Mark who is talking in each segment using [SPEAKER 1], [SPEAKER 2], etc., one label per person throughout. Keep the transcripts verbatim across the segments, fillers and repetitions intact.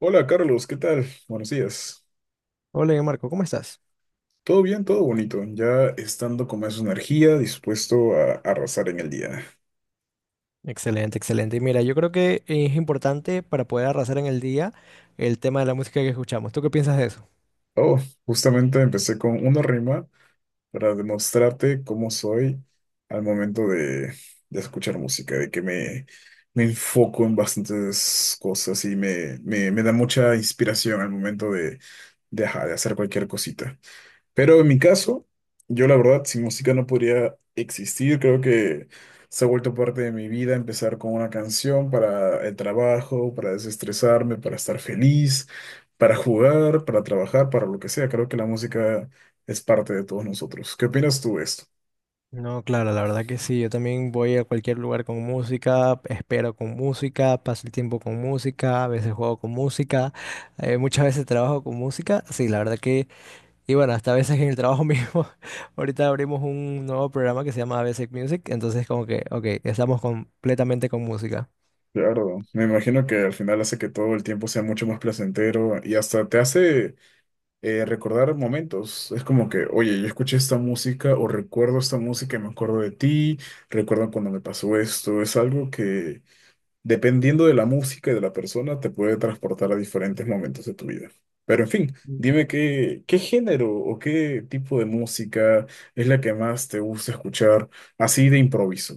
[SPEAKER 1] Hola Carlos, ¿qué tal? Buenos días.
[SPEAKER 2] Hola, Marco, ¿cómo estás?
[SPEAKER 1] Todo bien, todo bonito. Ya estando con más energía, dispuesto a arrasar en el día.
[SPEAKER 2] Excelente, excelente. Y mira, yo creo que es importante para poder arrasar en el día el tema de la música que escuchamos. ¿Tú qué piensas de eso?
[SPEAKER 1] Oh, justamente empecé con una rima para demostrarte cómo soy al momento de, de escuchar música, de que me, me enfoco en bastantes cosas y me, me, me da mucha inspiración al momento de, de, ajá, de hacer cualquier cosita. Pero en mi caso, yo la verdad, sin música no podría existir. Creo que se ha vuelto parte de mi vida empezar con una canción para el trabajo, para desestresarme, para estar feliz, para jugar, para trabajar, para lo que sea. Creo que la música es parte de todos nosotros. ¿Qué opinas tú de esto?
[SPEAKER 2] No, claro, la verdad que sí. Yo también voy a cualquier lugar con música, espero con música, paso el tiempo con música, a veces juego con música, eh, muchas veces trabajo con música. Sí, la verdad que, y bueno, hasta a veces en el trabajo mismo. Ahorita abrimos un nuevo programa que se llama Basic Music, entonces como que, ok, estamos completamente con música.
[SPEAKER 1] Claro, me imagino que al final hace que todo el tiempo sea mucho más placentero y hasta te hace eh, recordar momentos. Es como que, oye, yo escuché esta música o recuerdo esta música y me acuerdo de ti, recuerdo cuando me pasó esto. Es algo que, dependiendo de la música y de la persona, te puede transportar a diferentes momentos de tu vida. Pero en fin, dime qué, qué género o qué tipo de música es la que más te gusta escuchar así de improviso.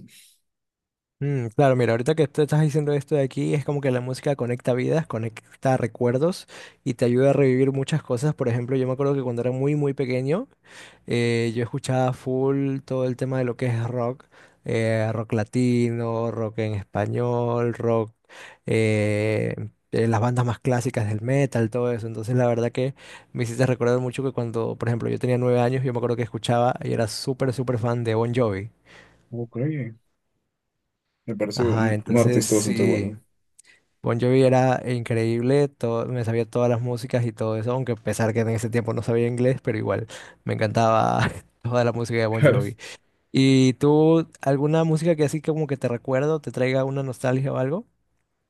[SPEAKER 2] Mm, claro, mira, ahorita que tú estás diciendo esto de aquí, es como que la música conecta vidas, conecta recuerdos y te ayuda a revivir muchas cosas. Por ejemplo, yo me acuerdo que cuando era muy, muy pequeño, eh, yo escuchaba full todo el tema de lo que es rock, eh, rock latino, rock en español, rock, eh, eh, las bandas más clásicas del metal, todo eso. Entonces, la verdad que me hiciste recordar mucho que cuando, por ejemplo, yo tenía nueve años, yo me acuerdo que escuchaba y era súper, súper fan de Bon Jovi.
[SPEAKER 1] Ok, me parece
[SPEAKER 2] Ajá,
[SPEAKER 1] un, un
[SPEAKER 2] entonces
[SPEAKER 1] artista bastante
[SPEAKER 2] sí.
[SPEAKER 1] bueno.
[SPEAKER 2] Bon Jovi era increíble, todo, me sabía todas las músicas y todo eso, aunque a pesar que en ese tiempo no sabía inglés, pero igual me encantaba toda la música de Bon Jovi. ¿Y tú, alguna música que así como que te recuerdo, te traiga una nostalgia o algo?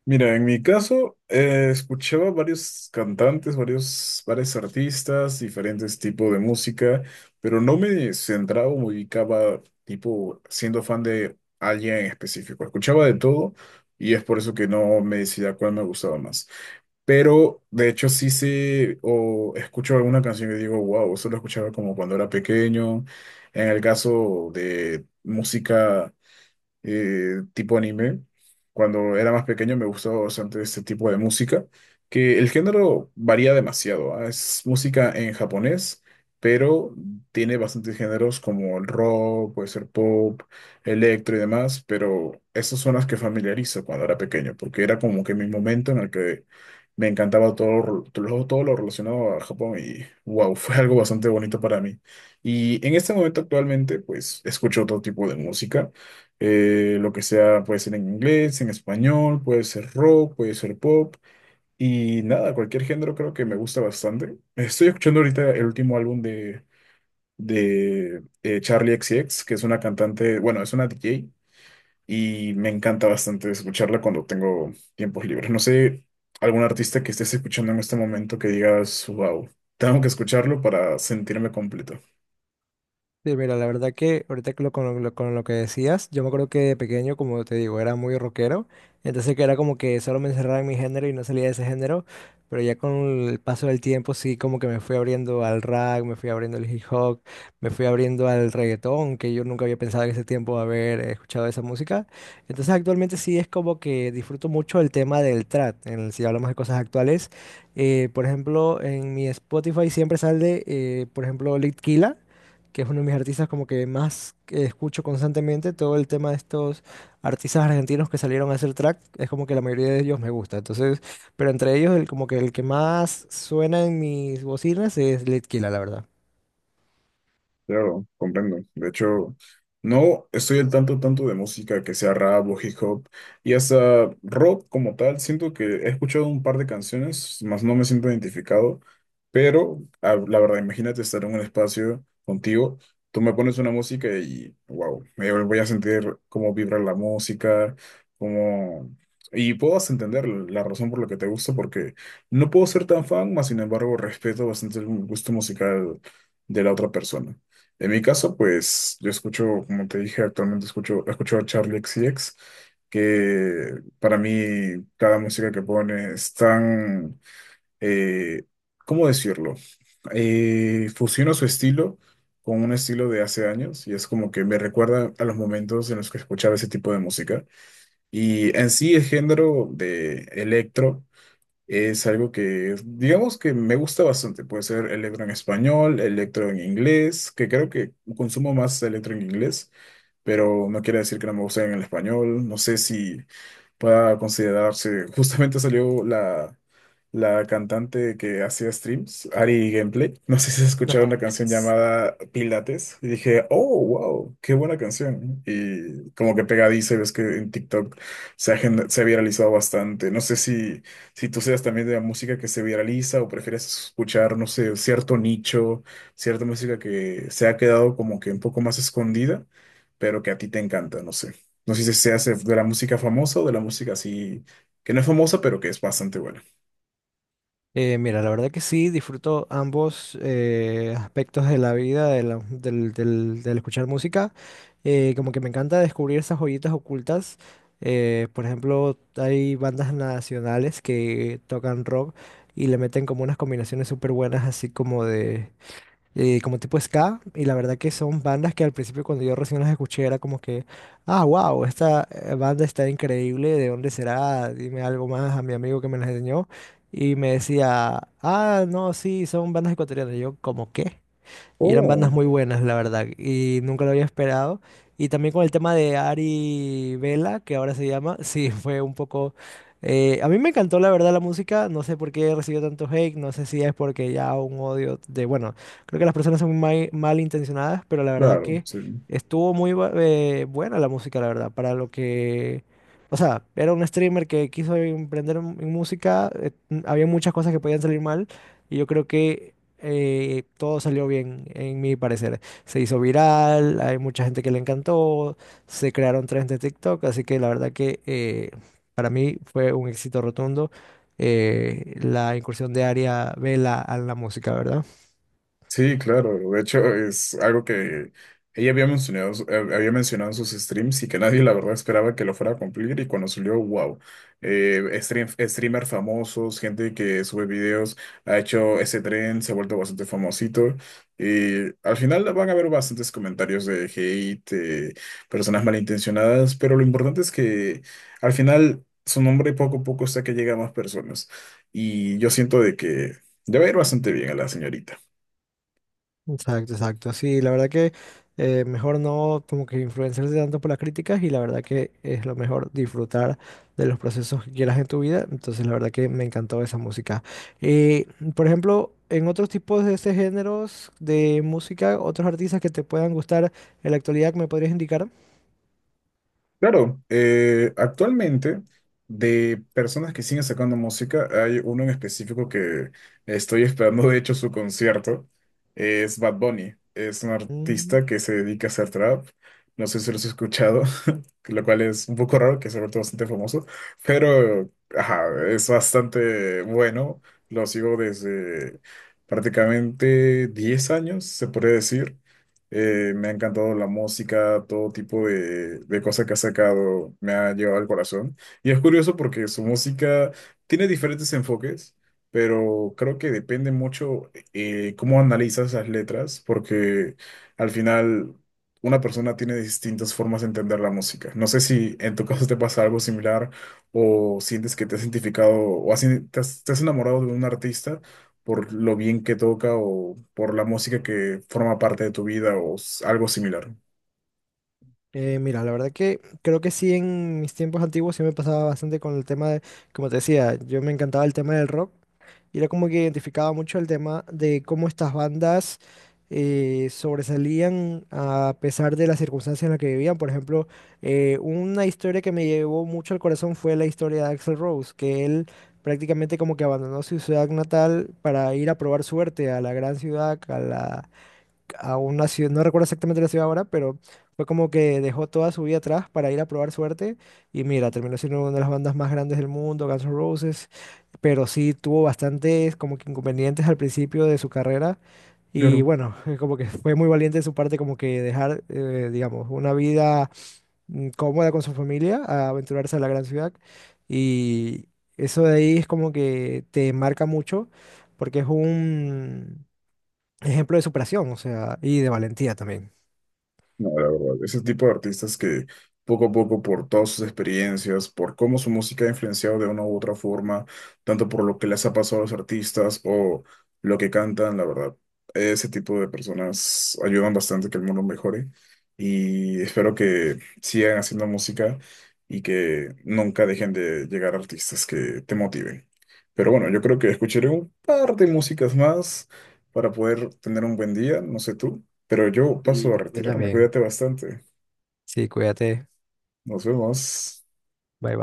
[SPEAKER 1] Mira, en mi caso, eh, escuchaba varios cantantes, varios, varios artistas, diferentes tipos de música, pero no me centraba o me ubicaba, tipo, siendo fan de alguien en específico. Escuchaba de todo y es por eso que no me decía cuál me gustaba más. Pero, de hecho, sí sé o escucho alguna canción y digo, wow, eso lo escuchaba como cuando era pequeño. En el caso de música eh, tipo anime. Cuando era más pequeño me gustaba bastante este tipo de música, que el género varía demasiado. ¿Ah? Es música en japonés, pero tiene bastantes géneros como el rock, puede ser pop, electro y demás, pero esas son las que familiarizo cuando era pequeño, porque era como que mi momento en el que me encantaba todo, todo, todo lo relacionado a Japón y wow, fue algo bastante bonito para mí. Y en este momento actualmente, pues escucho otro tipo de música eh, lo que sea, puede ser en inglés, en español, puede ser rock, puede ser pop y nada, cualquier género creo que me gusta bastante. Estoy escuchando ahorita el último álbum de, de eh, Charli X C X, que es una cantante, bueno, es una D J y me encanta bastante escucharla cuando tengo tiempos libres. No sé, algún artista que estés escuchando en este momento que digas, wow, tengo que escucharlo para sentirme completo.
[SPEAKER 2] Sí, mira, la verdad que ahorita que lo- con, lo, con lo que decías, yo me acuerdo que de pequeño, como te digo, era muy rockero, entonces que era como que solo me encerraba en mi género y no salía de ese género, pero ya con el paso del tiempo sí como que me fui abriendo al rap, me fui abriendo al hip hop, me fui abriendo al reggaetón, que yo nunca había pensado en ese tiempo haber escuchado esa música, entonces actualmente sí es como que disfruto mucho el tema del trap, en el- si hablamos de cosas actuales, eh, por ejemplo, en mi Spotify siempre sale, eh, por ejemplo, Lit Killah, que es uno de mis artistas como que más que escucho constantemente, todo el tema de estos artistas argentinos que salieron a hacer track, es como que la mayoría de ellos me gusta. Entonces, pero entre ellos el como que el que más suena en mis bocinas es Lit Killah, la verdad.
[SPEAKER 1] Claro, comprendo. De hecho, no estoy al tanto tanto de música que sea rap o hip hop y hasta rock como tal. Siento que he escuchado un par de canciones, más no me siento identificado, pero a- la verdad, imagínate estar en un espacio contigo, tú me pones una música y wow, me voy a sentir cómo vibra la música, cómo... Y puedo entender la razón por la que te gusta, porque no puedo ser tan fan, mas sin embargo respeto bastante el gusto musical de la otra persona. En mi caso, pues yo escucho, como te dije, actualmente escucho, escucho a Charlie X, C X, que para mí cada música que pone es tan, eh, ¿cómo decirlo? Eh, fusiona su estilo con un estilo de hace años y es como que me recuerda a los momentos en los que escuchaba ese tipo de música. Y en sí el género de electro, es algo que, digamos que me gusta bastante. Puede ser electro en español, electro en inglés, que creo que consumo más electro en inglés, pero no quiere decir que no me guste en el español. No sé si pueda considerarse. Justamente salió la, la cantante que hacía streams, Ari Gameplay. No sé si has escuchado una canción llamada Pilates. Y dije, oh, wow, qué buena canción, ¿no? Y como que pegadiza, y ves que en TikTok se ha, gen- se ha viralizado bastante. No sé si, si tú seas también de la música que se viraliza o prefieres escuchar, no sé, cierto nicho, cierta música que se ha quedado como que un poco más escondida, pero que a ti te encanta, no sé. No sé si se hace de la música famosa o de la música así, que no es famosa, pero que es bastante buena.
[SPEAKER 2] Eh, mira, la verdad que sí, disfruto ambos eh, aspectos de la vida, de la- del, del- del escuchar música. Eh, como que me encanta descubrir esas joyitas ocultas. Eh, por ejemplo, hay bandas nacionales que tocan rock y le meten como unas combinaciones súper buenas, así como de eh, como tipo ska, y la verdad que son bandas que al principio cuando yo recién las escuché era como que, ah, wow, esta eh, banda está increíble, ¿de dónde será? Dime algo más a mi amigo que me las enseñó, y me decía, ah, no, sí, son bandas ecuatorianas, y yo, ¿como qué? Y eran bandas
[SPEAKER 1] Oh.
[SPEAKER 2] muy buenas, la verdad, y nunca lo había esperado. Y también con el tema de Ari Vela, que ahora se llama, sí, fue un poco... eh, a mí me encantó, la verdad, la música. No sé por qué recibió tanto hate, no sé si es porque ya un odio de... Bueno, creo que las personas son muy mal, intencionadas, pero la verdad
[SPEAKER 1] Claro,
[SPEAKER 2] que
[SPEAKER 1] sí.
[SPEAKER 2] estuvo muy bu- eh, buena la música, la verdad, para lo que... O sea, era un streamer que quiso emprender en en música, eh, había muchas cosas que podían salir mal, y yo creo que eh, todo salió bien, en mi parecer. Se hizo viral, hay mucha gente que le encantó, se crearon trends de TikTok, así que la verdad que eh, para mí fue un éxito rotundo eh, la incursión de Aria Vela a la música, ¿verdad?
[SPEAKER 1] Sí, claro. De hecho, es algo que ella había mencionado, eh, había mencionado en sus streams y que nadie, la verdad, esperaba que lo fuera a cumplir. Y cuando salió, wow. Eh, stream- streamers famosos, gente que sube videos, ha hecho ese tren, se ha vuelto bastante famosito. Y al final van a haber bastantes comentarios de hate, eh, personas malintencionadas, pero lo importante es que al final su nombre poco a poco está que llega a más personas. Y yo siento de que ya va a ir bastante bien a la señorita.
[SPEAKER 2] Exacto, exacto. Sí, la verdad que eh, mejor no como que influenciarse tanto por las críticas y la verdad que es lo mejor disfrutar de los procesos que quieras en tu vida. Entonces, la verdad que me encantó esa música. Eh, por ejemplo, en otros tipos de ese géneros de música, otros artistas que te puedan gustar en la actualidad, ¿me podrías indicar?
[SPEAKER 1] Claro, eh, actualmente de personas que siguen sacando música, hay uno en específico que estoy esperando, de hecho, su concierto. Es Bad Bunny. Es un
[SPEAKER 2] Mm.
[SPEAKER 1] artista que se dedica a hacer trap. No sé si lo has escuchado. Lo cual es un poco raro, que se ha vuelto bastante famoso, pero ajá, es bastante bueno. Lo sigo desde prácticamente diez años, se puede decir. Eh, me ha encantado la música, todo tipo de, de cosas que ha sacado, me ha llevado al corazón. Y es curioso porque su música tiene diferentes enfoques, pero creo que depende mucho eh, cómo analizas las letras, porque al final una persona tiene distintas formas de entender la música. No sé si en tu caso te pasa algo similar o sientes que te has identificado o has in- te has, te has enamorado de un artista por lo bien que toca o por la música que forma parte de tu vida o s- algo similar.
[SPEAKER 2] Eh, mira, la verdad que creo que sí en mis tiempos antiguos sí me pasaba bastante con el tema de, como te decía, yo me encantaba el tema del rock y era como que identificaba mucho el tema de cómo estas bandas eh, sobresalían a pesar de las circunstancias en las que vivían. Por ejemplo, eh, una historia que me llevó mucho al corazón fue la historia de Axl Rose, que él prácticamente como que abandonó su ciudad natal para ir a probar suerte a la gran ciudad, a una ciudad, no recuerdo exactamente la ciudad ahora, pero fue como que dejó toda su vida atrás para ir a probar suerte y mira, terminó siendo una de las bandas más grandes del mundo, Guns N' Roses, pero sí tuvo bastantes como que inconvenientes al principio de su carrera y
[SPEAKER 1] Claro.
[SPEAKER 2] bueno, como que fue muy valiente de su parte como que dejar, eh, digamos, una vida mm, cómoda con su familia a aventurarse a la gran ciudad y eso de ahí es como que te marca mucho porque es un ejemplo de superación, o sea, y de valentía también.
[SPEAKER 1] No, la verdad, ese tipo de artistas que poco a poco, por todas sus experiencias, por cómo su música ha influenciado de una u otra forma, tanto por lo que les ha pasado a los artistas o lo que cantan, la verdad, ese tipo de personas ayudan bastante a que el mundo mejore y espero que sigan haciendo música y que nunca dejen de llegar artistas que te motiven. Pero bueno, yo creo que escucharé un par de músicas más para poder tener un buen día, no sé tú. Pero yo paso a
[SPEAKER 2] Yo
[SPEAKER 1] retirarme,
[SPEAKER 2] también.
[SPEAKER 1] cuídate bastante.
[SPEAKER 2] Sí, cuídate.
[SPEAKER 1] Nos vemos.
[SPEAKER 2] Bye.